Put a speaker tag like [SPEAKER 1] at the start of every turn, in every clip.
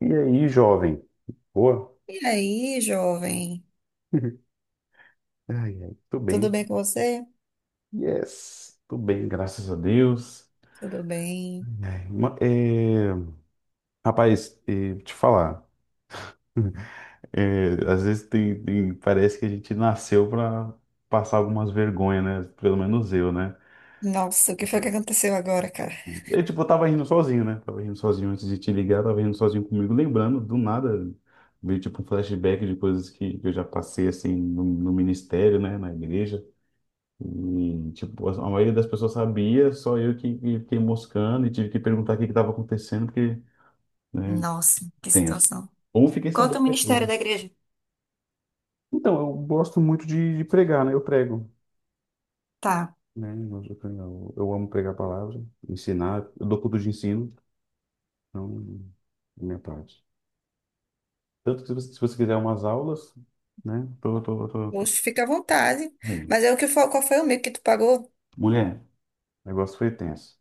[SPEAKER 1] E aí, jovem? Boa?
[SPEAKER 2] E aí, jovem?
[SPEAKER 1] Ai, ai, tô
[SPEAKER 2] Tudo
[SPEAKER 1] bem.
[SPEAKER 2] bem com você?
[SPEAKER 1] Yes, tô bem, graças a Deus.
[SPEAKER 2] Tudo bem.
[SPEAKER 1] É, rapaz, é, te falar, é, às vezes parece que a gente nasceu pra passar algumas vergonhas, né? Pelo menos eu, né?
[SPEAKER 2] Nossa, o que foi que aconteceu agora, cara?
[SPEAKER 1] Eu, tipo, eu tava rindo sozinho, né? Tava rindo sozinho antes de te ligar, tava rindo sozinho comigo, lembrando do nada, veio tipo um flashback de coisas que eu já passei, assim, no ministério, né? Na igreja. E, tipo, a maioria das pessoas sabia, só eu que fiquei moscando e tive que perguntar o que estava acontecendo, porque, né,
[SPEAKER 2] Nossa, que
[SPEAKER 1] tem essa.
[SPEAKER 2] situação.
[SPEAKER 1] Ou fiquei
[SPEAKER 2] Conta
[SPEAKER 1] sabendo
[SPEAKER 2] o
[SPEAKER 1] depois,
[SPEAKER 2] ministério
[SPEAKER 1] né?
[SPEAKER 2] da igreja.
[SPEAKER 1] Então, eu gosto muito de pregar, né? Eu prego,
[SPEAKER 2] Tá.
[SPEAKER 1] né? Eu amo pregar a palavra, ensinar. Eu dou culto de ensino, então, é minha parte. Tanto que se você quiser umas aulas, né? Tô.
[SPEAKER 2] Poxa, fica à vontade.
[SPEAKER 1] Bem,
[SPEAKER 2] Mas é o que foi, qual foi o meio que tu pagou?
[SPEAKER 1] mulher, o negócio foi tenso.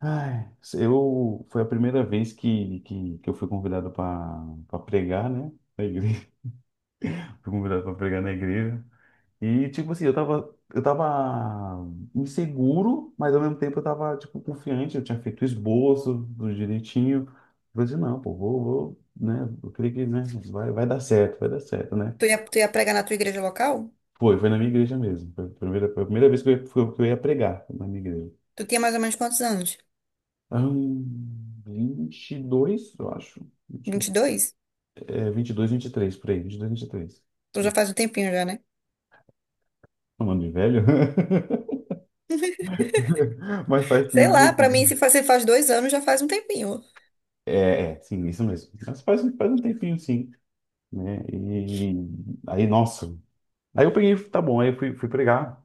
[SPEAKER 1] Ai, eu foi a primeira vez que eu fui convidado para pregar, né? Na igreja. Fui convidado para pregar na igreja. E tipo assim, eu tava inseguro, mas ao mesmo tempo eu tava tipo confiante, eu tinha feito o esboço tudo direitinho. Eu falei assim, não, pô, vou, vou, né? Eu creio que, né, vai, vai dar certo, né?
[SPEAKER 2] Tu ia pregar na tua igreja local?
[SPEAKER 1] Foi na minha igreja mesmo. Foi a primeira vez que eu ia pregar na minha igreja.
[SPEAKER 2] Tu tinha mais ou menos quantos anos?
[SPEAKER 1] Ahn, 22 eu acho.
[SPEAKER 2] 22.
[SPEAKER 1] É 22, três por aí, 22, três.
[SPEAKER 2] Tu já faz um tempinho já, né?
[SPEAKER 1] Chamando de velho? Mas faz
[SPEAKER 2] Sei
[SPEAKER 1] tempo.
[SPEAKER 2] lá, pra mim, se
[SPEAKER 1] Tempinho.
[SPEAKER 2] faz, se faz 2 anos, já faz um tempinho.
[SPEAKER 1] É, sim, isso mesmo. Mas faz um tempinho, sim, né? E aí, nossa. Aí eu peguei, tá bom, aí eu fui pregar.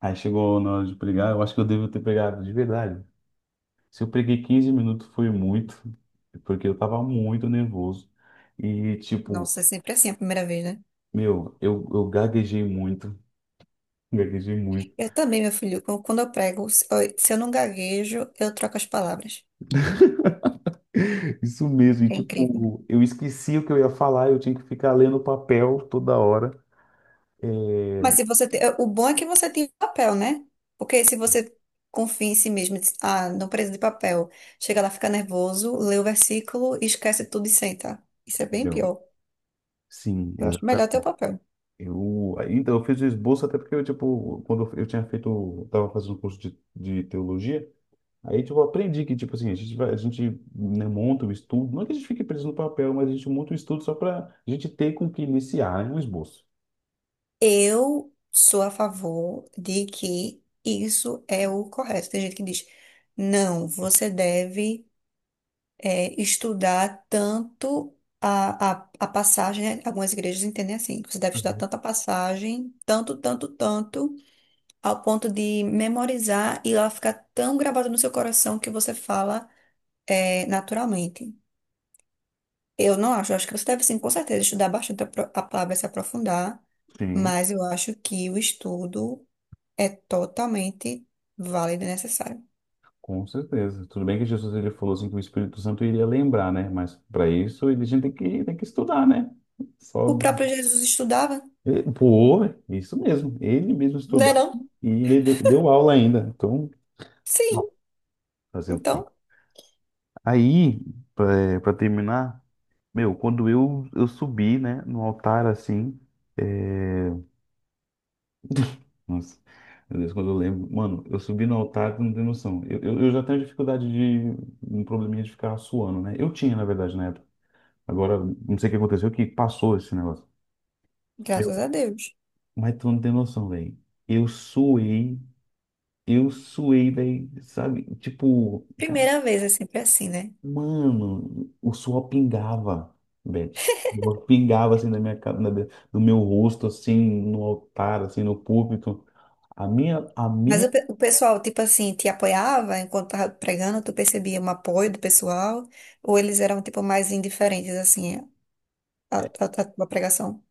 [SPEAKER 1] Aí chegou na hora de pregar, eu acho que eu devo ter pregado de verdade. Se eu preguei 15 minutos, foi muito, porque eu tava muito nervoso. E, tipo,
[SPEAKER 2] Nossa, é sempre assim a primeira vez, né?
[SPEAKER 1] meu, eu gaguejei muito, gaguejei muito.
[SPEAKER 2] Eu também, meu filho, quando eu prego, se eu não gaguejo, eu troco as palavras.
[SPEAKER 1] Isso mesmo, e
[SPEAKER 2] É incrível.
[SPEAKER 1] tipo, eu esqueci o que eu ia falar, eu tinha que ficar lendo o papel toda hora.
[SPEAKER 2] Mas se você o bom é que você tem papel, né? Porque se você confia em si mesmo, e diz, ah, não preciso de papel, chega lá, fica nervoso, lê o versículo, esquece tudo e senta. Isso é bem
[SPEAKER 1] Entendeu?
[SPEAKER 2] pior.
[SPEAKER 1] Sim,
[SPEAKER 2] Eu acho melhor ter o
[SPEAKER 1] exatamente.
[SPEAKER 2] papel.
[SPEAKER 1] Eu, aí, então, eu fiz o esboço até porque eu, tipo, quando eu tinha feito, eu tava fazendo um curso de teologia, aí, tipo, eu aprendi que, tipo assim, a gente vai, a gente, né, monta o estudo, não é que a gente fique preso no papel, mas a gente monta o estudo só para a gente ter com o que iniciar, né, um esboço.
[SPEAKER 2] Eu sou a favor de que isso é o correto. Tem gente que diz, não, você deve estudar tanto a passagem, né? Algumas igrejas entendem assim, que você deve estudar
[SPEAKER 1] Uhum.
[SPEAKER 2] tanto a passagem, tanto, tanto, tanto. Ao ponto de memorizar e ela ficar tão gravada no seu coração que você fala é, naturalmente. Eu não acho, eu acho que você deve sim, com certeza, estudar bastante a, a palavra, se aprofundar,
[SPEAKER 1] Sim.
[SPEAKER 2] mas eu acho que o estudo é totalmente válido e necessário.
[SPEAKER 1] Com certeza. Tudo bem que Jesus ele falou assim que o Espírito Santo iria lembrar, né? Mas para isso a gente tem que estudar, né?
[SPEAKER 2] O
[SPEAKER 1] Só
[SPEAKER 2] próprio Jesus estudava,
[SPEAKER 1] pô, isso mesmo. Ele mesmo
[SPEAKER 2] não é
[SPEAKER 1] estudar
[SPEAKER 2] não?
[SPEAKER 1] e ele deu aula ainda. Então, bom,
[SPEAKER 2] Sim,
[SPEAKER 1] fazer o quê?
[SPEAKER 2] então,
[SPEAKER 1] Aí, para terminar, meu, quando eu subi, né, no altar assim, é... nossa, meu Deus, quando eu lembro, mano, eu subi no altar, tu não tem noção. Eu já tenho dificuldade de um probleminha de ficar suando, né? Eu tinha, na verdade, na época. Agora, não sei o que aconteceu, que passou esse negócio. Meu,
[SPEAKER 2] graças a Deus.
[SPEAKER 1] mas tu não tem noção, velho. Eu suei, eu suei, velho, sabe? Tipo, cara,
[SPEAKER 2] Primeira vez é sempre assim, né?
[SPEAKER 1] mano, o suor pingava, Beth. O suor pingava assim na, do meu rosto, assim, no altar, assim, no púlpito. A minha, a
[SPEAKER 2] Mas
[SPEAKER 1] minha,
[SPEAKER 2] o, o pessoal, tipo assim, te apoiava enquanto tava pregando, tu percebia um apoio do pessoal? Ou eles eram, tipo, mais indiferentes, assim, à tua pregação?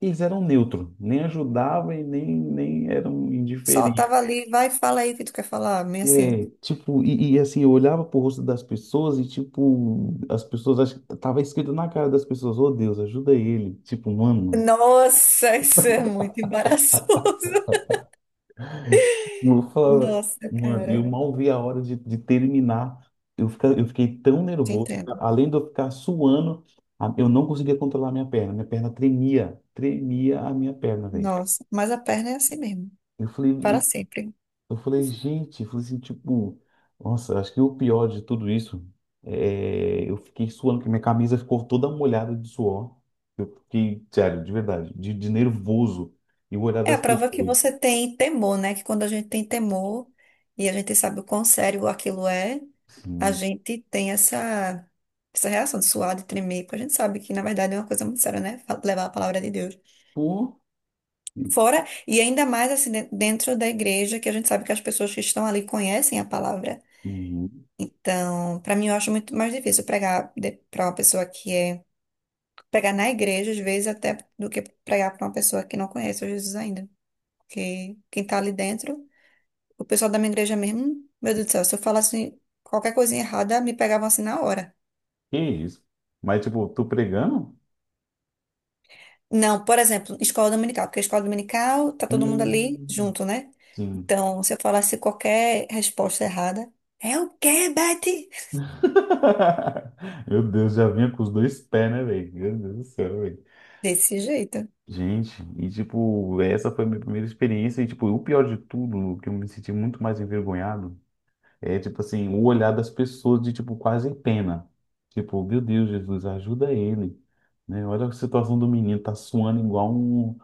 [SPEAKER 1] Eles eram neutro, nem ajudava e nem, nem, eram
[SPEAKER 2] Só
[SPEAKER 1] indiferentes.
[SPEAKER 2] tava ali, vai, fala aí o que tu quer falar, meio assim.
[SPEAKER 1] É, tipo, assim, eu olhava pro rosto das pessoas e, tipo, as pessoas, acho que tava escrito na cara das pessoas, ô Deus, ajuda ele. Tipo, mano,
[SPEAKER 2] Nossa, isso é muito embaraçoso.
[SPEAKER 1] eu falava,
[SPEAKER 2] Nossa,
[SPEAKER 1] mano, eu
[SPEAKER 2] cara,
[SPEAKER 1] mal vi a hora de terminar. Eu fiquei tão
[SPEAKER 2] te
[SPEAKER 1] nervoso,
[SPEAKER 2] entendo.
[SPEAKER 1] além de eu ficar suando, eu não conseguia controlar a minha perna. Minha perna tremia, tremia a minha perna, velho.
[SPEAKER 2] Nossa, mas a perna é assim mesmo,
[SPEAKER 1] Eu falei,
[SPEAKER 2] para sempre.
[SPEAKER 1] Eu falei, gente, eu falei assim, tipo, nossa, acho que o pior de tudo isso é eu fiquei suando, que minha camisa ficou toda molhada de suor. Eu fiquei, sério, de verdade, de nervoso e o olhar
[SPEAKER 2] É a
[SPEAKER 1] das
[SPEAKER 2] prova que
[SPEAKER 1] pessoas.
[SPEAKER 2] você tem temor, né? Que quando a gente tem temor e a gente sabe o quão sério aquilo é, a
[SPEAKER 1] Assim,
[SPEAKER 2] gente tem essa, essa reação de suar, de tremer, porque a gente sabe que, na verdade, é uma coisa muito séria, né? Levar a palavra de Deus.
[SPEAKER 1] pô,
[SPEAKER 2] Fora, e ainda mais assim, dentro da igreja, que a gente sabe que as pessoas que estão ali conhecem a palavra.
[SPEAKER 1] uhum,
[SPEAKER 2] Então, para mim, eu acho muito mais difícil pregar para uma pessoa que é. Pregar na igreja, às vezes, até do que pregar para uma pessoa que não conhece o Jesus ainda. Porque quem tá ali dentro. O pessoal da minha igreja mesmo, meu Deus do céu, se eu falasse qualquer coisinha errada, me pegavam assim na hora.
[SPEAKER 1] que isso? Mas, tipo, tô pregando?
[SPEAKER 2] Não, por exemplo, escola dominical, porque a escola dominical tá todo mundo ali
[SPEAKER 1] Hum,
[SPEAKER 2] junto, né?
[SPEAKER 1] sim.
[SPEAKER 2] Então, se eu falasse qualquer resposta errada, é o quê, Betty?
[SPEAKER 1] Meu Deus, já vinha com os dois pés, né, velho? Meu Deus do céu, velho.
[SPEAKER 2] Desse jeito.
[SPEAKER 1] Gente, e tipo, essa foi a minha primeira experiência, e tipo, o pior de tudo, o que eu me senti muito mais envergonhado, é tipo assim, o olhar das pessoas de tipo quase pena. Tipo, meu Deus, Jesus, ajuda ele, né? Olha a situação do menino, tá suando igual um,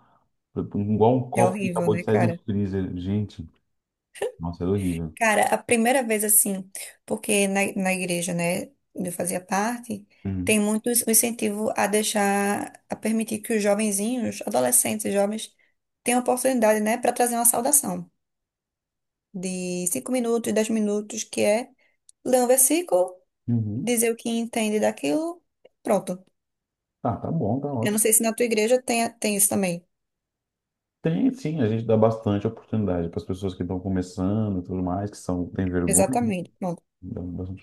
[SPEAKER 1] igual um
[SPEAKER 2] É
[SPEAKER 1] copo que
[SPEAKER 2] horrível,
[SPEAKER 1] acabou de
[SPEAKER 2] né,
[SPEAKER 1] sair do
[SPEAKER 2] cara?
[SPEAKER 1] freezer. Gente, nossa, era horrível.
[SPEAKER 2] Cara, a primeira vez assim, porque na, na igreja, né, onde eu fazia parte,
[SPEAKER 1] Uhum.
[SPEAKER 2] tem muito o incentivo a deixar, a permitir que os jovenzinhos, adolescentes, e jovens, tenham oportunidade, né, para trazer uma saudação de 5 minutos, 10 minutos, que é ler um versículo,
[SPEAKER 1] Uhum.
[SPEAKER 2] dizer o que entende daquilo, pronto.
[SPEAKER 1] Ah, tá bom, tá
[SPEAKER 2] Eu não
[SPEAKER 1] ótimo.
[SPEAKER 2] sei se na tua igreja tem isso também.
[SPEAKER 1] Tem sim, a gente dá bastante oportunidade para as pessoas que estão começando e tudo mais, que são, têm vergonha, né?
[SPEAKER 2] Exatamente, pronto.
[SPEAKER 1] Dá bastante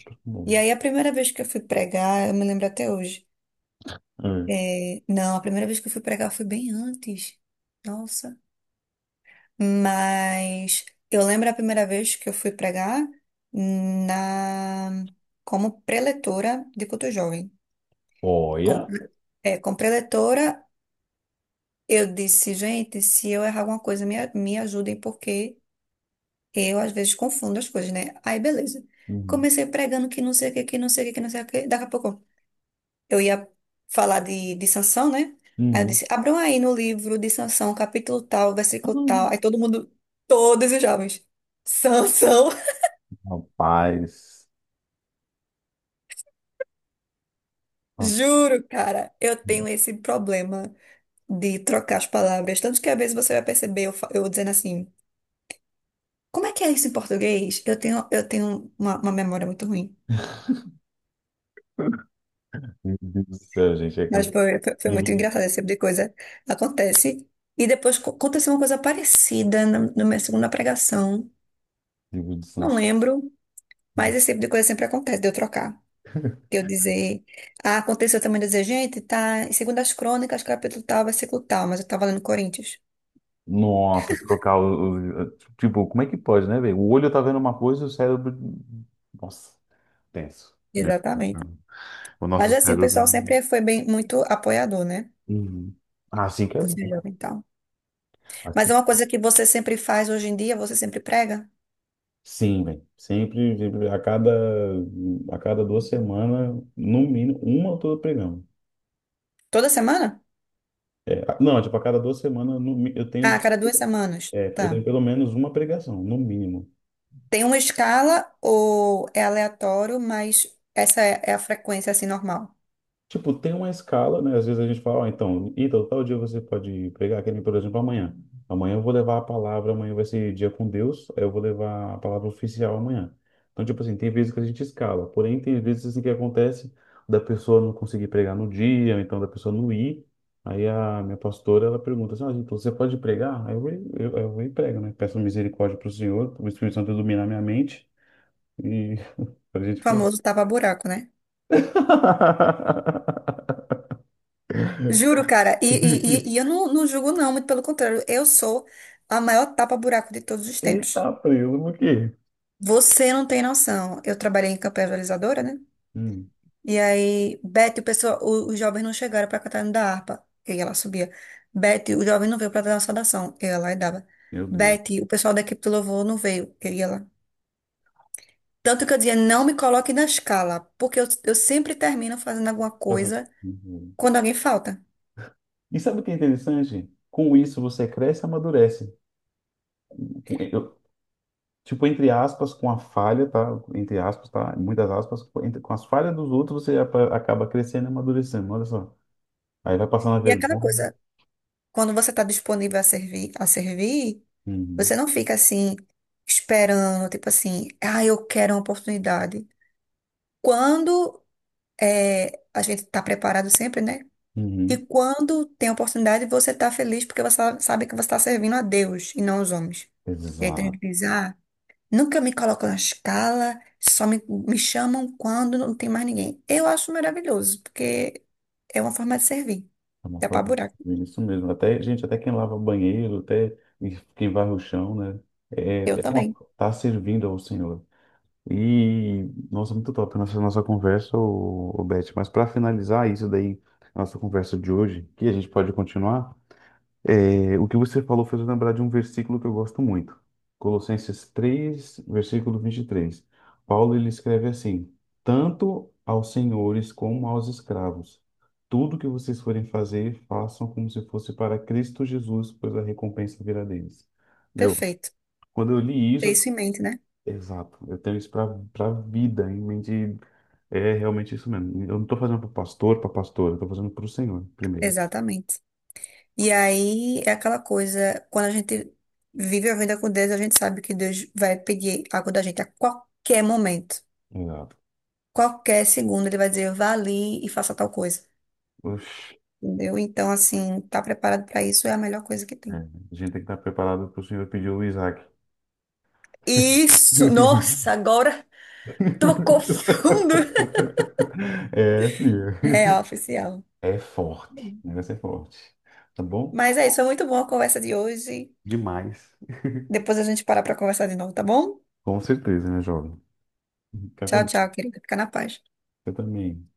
[SPEAKER 2] E
[SPEAKER 1] oportunidade.
[SPEAKER 2] aí a primeira vez que eu fui pregar, eu me lembro até hoje.
[SPEAKER 1] É.
[SPEAKER 2] É, não, a primeira vez que eu fui pregar foi bem antes. Nossa. Mas eu lembro a primeira vez que eu fui pregar na como preletora de culto jovem. Como,
[SPEAKER 1] Olha.
[SPEAKER 2] é, como preletora eu disse, gente, se eu errar alguma coisa, me ajudem, porque eu às vezes confundo as coisas, né? Aí, beleza.
[SPEAKER 1] Uhum.
[SPEAKER 2] Comecei pregando que não sei o que, que não sei o que, que não sei o que. Daqui a pouco eu ia falar de, Sansão, né? Aí eu
[SPEAKER 1] Uhum.
[SPEAKER 2] disse, abram aí no livro de Sansão, capítulo tal,
[SPEAKER 1] Ah,
[SPEAKER 2] versículo tal. Aí todo mundo, todos os jovens, Sansão,
[SPEAKER 1] rapaz. Nossa,
[SPEAKER 2] juro, cara, eu tenho esse problema de trocar as palavras. Tanto que às vezes você vai perceber eu, eu dizendo assim. Como é que é isso em português? Eu tenho uma, memória muito ruim.
[SPEAKER 1] meu Deus do céu, gente. É que
[SPEAKER 2] Mas
[SPEAKER 1] eu-
[SPEAKER 2] foi
[SPEAKER 1] livro
[SPEAKER 2] muito
[SPEAKER 1] de,
[SPEAKER 2] engraçado, esse tipo de coisa acontece. E depois aconteceu uma coisa parecida na minha segunda pregação.
[SPEAKER 1] livro de
[SPEAKER 2] Não
[SPEAKER 1] Sansão.
[SPEAKER 2] lembro, mas esse tipo de coisa sempre acontece, de eu trocar. De eu dizer, ah, aconteceu também de eu dizer, gente, tá em Segundas Crônicas, capítulo tal, versículo tal, mas eu tava lendo Coríntios.
[SPEAKER 1] Nossa, tipo, como é que pode, né, velho? O olho tá vendo uma coisa e o cérebro. Nossa, tenso. Meu Deus do céu.
[SPEAKER 2] Exatamente.
[SPEAKER 1] O nosso
[SPEAKER 2] Mas assim, o pessoal
[SPEAKER 1] cérebro.
[SPEAKER 2] sempre foi bem, muito apoiador, né?
[SPEAKER 1] Uhum. Ah, assim que é
[SPEAKER 2] Por
[SPEAKER 1] bom.
[SPEAKER 2] ser jovem e tal. Mas
[SPEAKER 1] Assim.
[SPEAKER 2] é uma coisa que você sempre faz hoje em dia, você sempre prega?
[SPEAKER 1] Sim, velho. Sempre, sempre, a cada 2 semanas, no mínimo, uma eu tô pregando.
[SPEAKER 2] Toda semana?
[SPEAKER 1] É, não, tipo, a cada 2 semanas no mi- eu
[SPEAKER 2] Ah, a
[SPEAKER 1] tenho,
[SPEAKER 2] cada 2 semanas.
[SPEAKER 1] é, eu tenho
[SPEAKER 2] Tá.
[SPEAKER 1] pelo menos uma pregação, no mínimo.
[SPEAKER 2] Tem uma escala ou é aleatório, mas essa é a frequência, assim, normal.
[SPEAKER 1] Tipo, tem uma escala, né? Às vezes a gente fala, ó, então, tal dia você pode pegar aquele, por exemplo, amanhã. Amanhã eu vou levar a palavra, amanhã vai ser dia com Deus, aí eu vou levar a palavra oficial amanhã. Então, tipo assim, tem vezes que a gente escala, porém tem vezes assim que acontece da pessoa não conseguir pregar no dia, ou então da pessoa não ir. Aí a minha pastora, ela pergunta assim, ah, então você pode pregar? Aí eu vou e prego, né? Peço misericórdia para o Senhor, pro Espírito Santo iluminar minha mente e para a gente
[SPEAKER 2] O
[SPEAKER 1] pregar.
[SPEAKER 2] famoso tapa-buraco, né? Juro, cara. E eu não, não julgo, não. Muito pelo contrário. Eu sou a maior tapa-buraco de todos os
[SPEAKER 1] Ele
[SPEAKER 2] tempos.
[SPEAKER 1] tá preso por quê?
[SPEAKER 2] Você não tem noção. Eu trabalhei em campanha realizadora, né?
[SPEAKER 1] Hum.
[SPEAKER 2] E aí, Beth, o pessoal, o, os jovens não chegaram para cantar no da harpa. E aí ela subia. Beth, o jovem não veio para dar uma saudação. Eu ia lá e dava.
[SPEAKER 1] Meu Deus.
[SPEAKER 2] Beth, o pessoal da equipe do louvor não veio. Eu ia lá. Tanto que eu dizia, não me coloque na escala, porque eu sempre termino fazendo alguma coisa
[SPEAKER 1] Uhum.
[SPEAKER 2] quando alguém falta.
[SPEAKER 1] E sabe o que é interessante? Com isso você cresce e amadurece. Com- eu- tipo, entre aspas, com a falha, tá? Entre aspas, tá? Muitas aspas, com as falhas dos outros você acaba crescendo e amadurecendo. Olha só. Aí vai passando a
[SPEAKER 2] E é aquela
[SPEAKER 1] vergonha.
[SPEAKER 2] coisa, quando você está disponível a servir, você
[SPEAKER 1] Uhum.
[SPEAKER 2] não fica assim, esperando, tipo assim, ah, eu quero uma oportunidade. Quando é, a gente está preparado sempre, né? E
[SPEAKER 1] Uhum.
[SPEAKER 2] quando tem oportunidade, você está feliz porque você sabe que você está servindo a Deus e não aos homens. E aí tem
[SPEAKER 1] Exato.
[SPEAKER 2] gente que diz, ah, nunca me colocam na escala, só me chamam quando não tem mais ninguém. Eu acho maravilhoso, porque é uma forma de servir.
[SPEAKER 1] É uma
[SPEAKER 2] Dá
[SPEAKER 1] forma
[SPEAKER 2] pra buraco.
[SPEAKER 1] de. Isso mesmo. Até, gente, até quem lava banheiro, até quem varre o chão, né? É,
[SPEAKER 2] Eu
[SPEAKER 1] é uma-
[SPEAKER 2] também.
[SPEAKER 1] tá servindo ao Senhor. E, nossa, muito top, nossa, nossa conversa, o, Beth. Mas para finalizar isso daí, nossa conversa de hoje, que a gente pode continuar, o que você falou fez eu lembrar de um versículo que eu gosto muito. Colossenses 3, versículo 23, Paulo ele escreve assim: tanto aos senhores como aos escravos, tudo que vocês forem fazer, façam como se fosse para Cristo Jesus, pois a recompensa virá deles. Meu,
[SPEAKER 2] Perfeito.
[SPEAKER 1] quando eu li
[SPEAKER 2] Ter
[SPEAKER 1] isso, eu.
[SPEAKER 2] isso em mente, né?
[SPEAKER 1] Exato, eu tenho isso para vida em mente. É realmente isso mesmo. Eu não estou fazendo para pastor, para pastora, eu tô fazendo para o Senhor primeiro.
[SPEAKER 2] Exatamente. E aí é aquela coisa, quando a gente vive a vida com Deus, a gente sabe que Deus vai pedir algo da gente a qualquer momento.
[SPEAKER 1] Exato.
[SPEAKER 2] Qualquer segundo ele vai dizer, vá ali e faça tal coisa.
[SPEAKER 1] Oxi,
[SPEAKER 2] Entendeu? Então, assim, tá preparado pra isso é a melhor coisa que tem.
[SPEAKER 1] a gente tem que estar preparado para o Senhor pedir o Isaac.
[SPEAKER 2] Isso! Nossa, agora tocou fundo.
[SPEAKER 1] É,
[SPEAKER 2] É
[SPEAKER 1] filha.
[SPEAKER 2] oficial.
[SPEAKER 1] É forte, o negócio é forte. Tá bom?
[SPEAKER 2] Mas é isso, foi muito boa a conversa de hoje.
[SPEAKER 1] Demais.
[SPEAKER 2] Depois a gente para para conversar de novo, tá bom?
[SPEAKER 1] Com certeza, né, jovem? Fica com
[SPEAKER 2] Tchau, tchau,
[SPEAKER 1] Deus.
[SPEAKER 2] querida. Fica na paz.
[SPEAKER 1] Você também.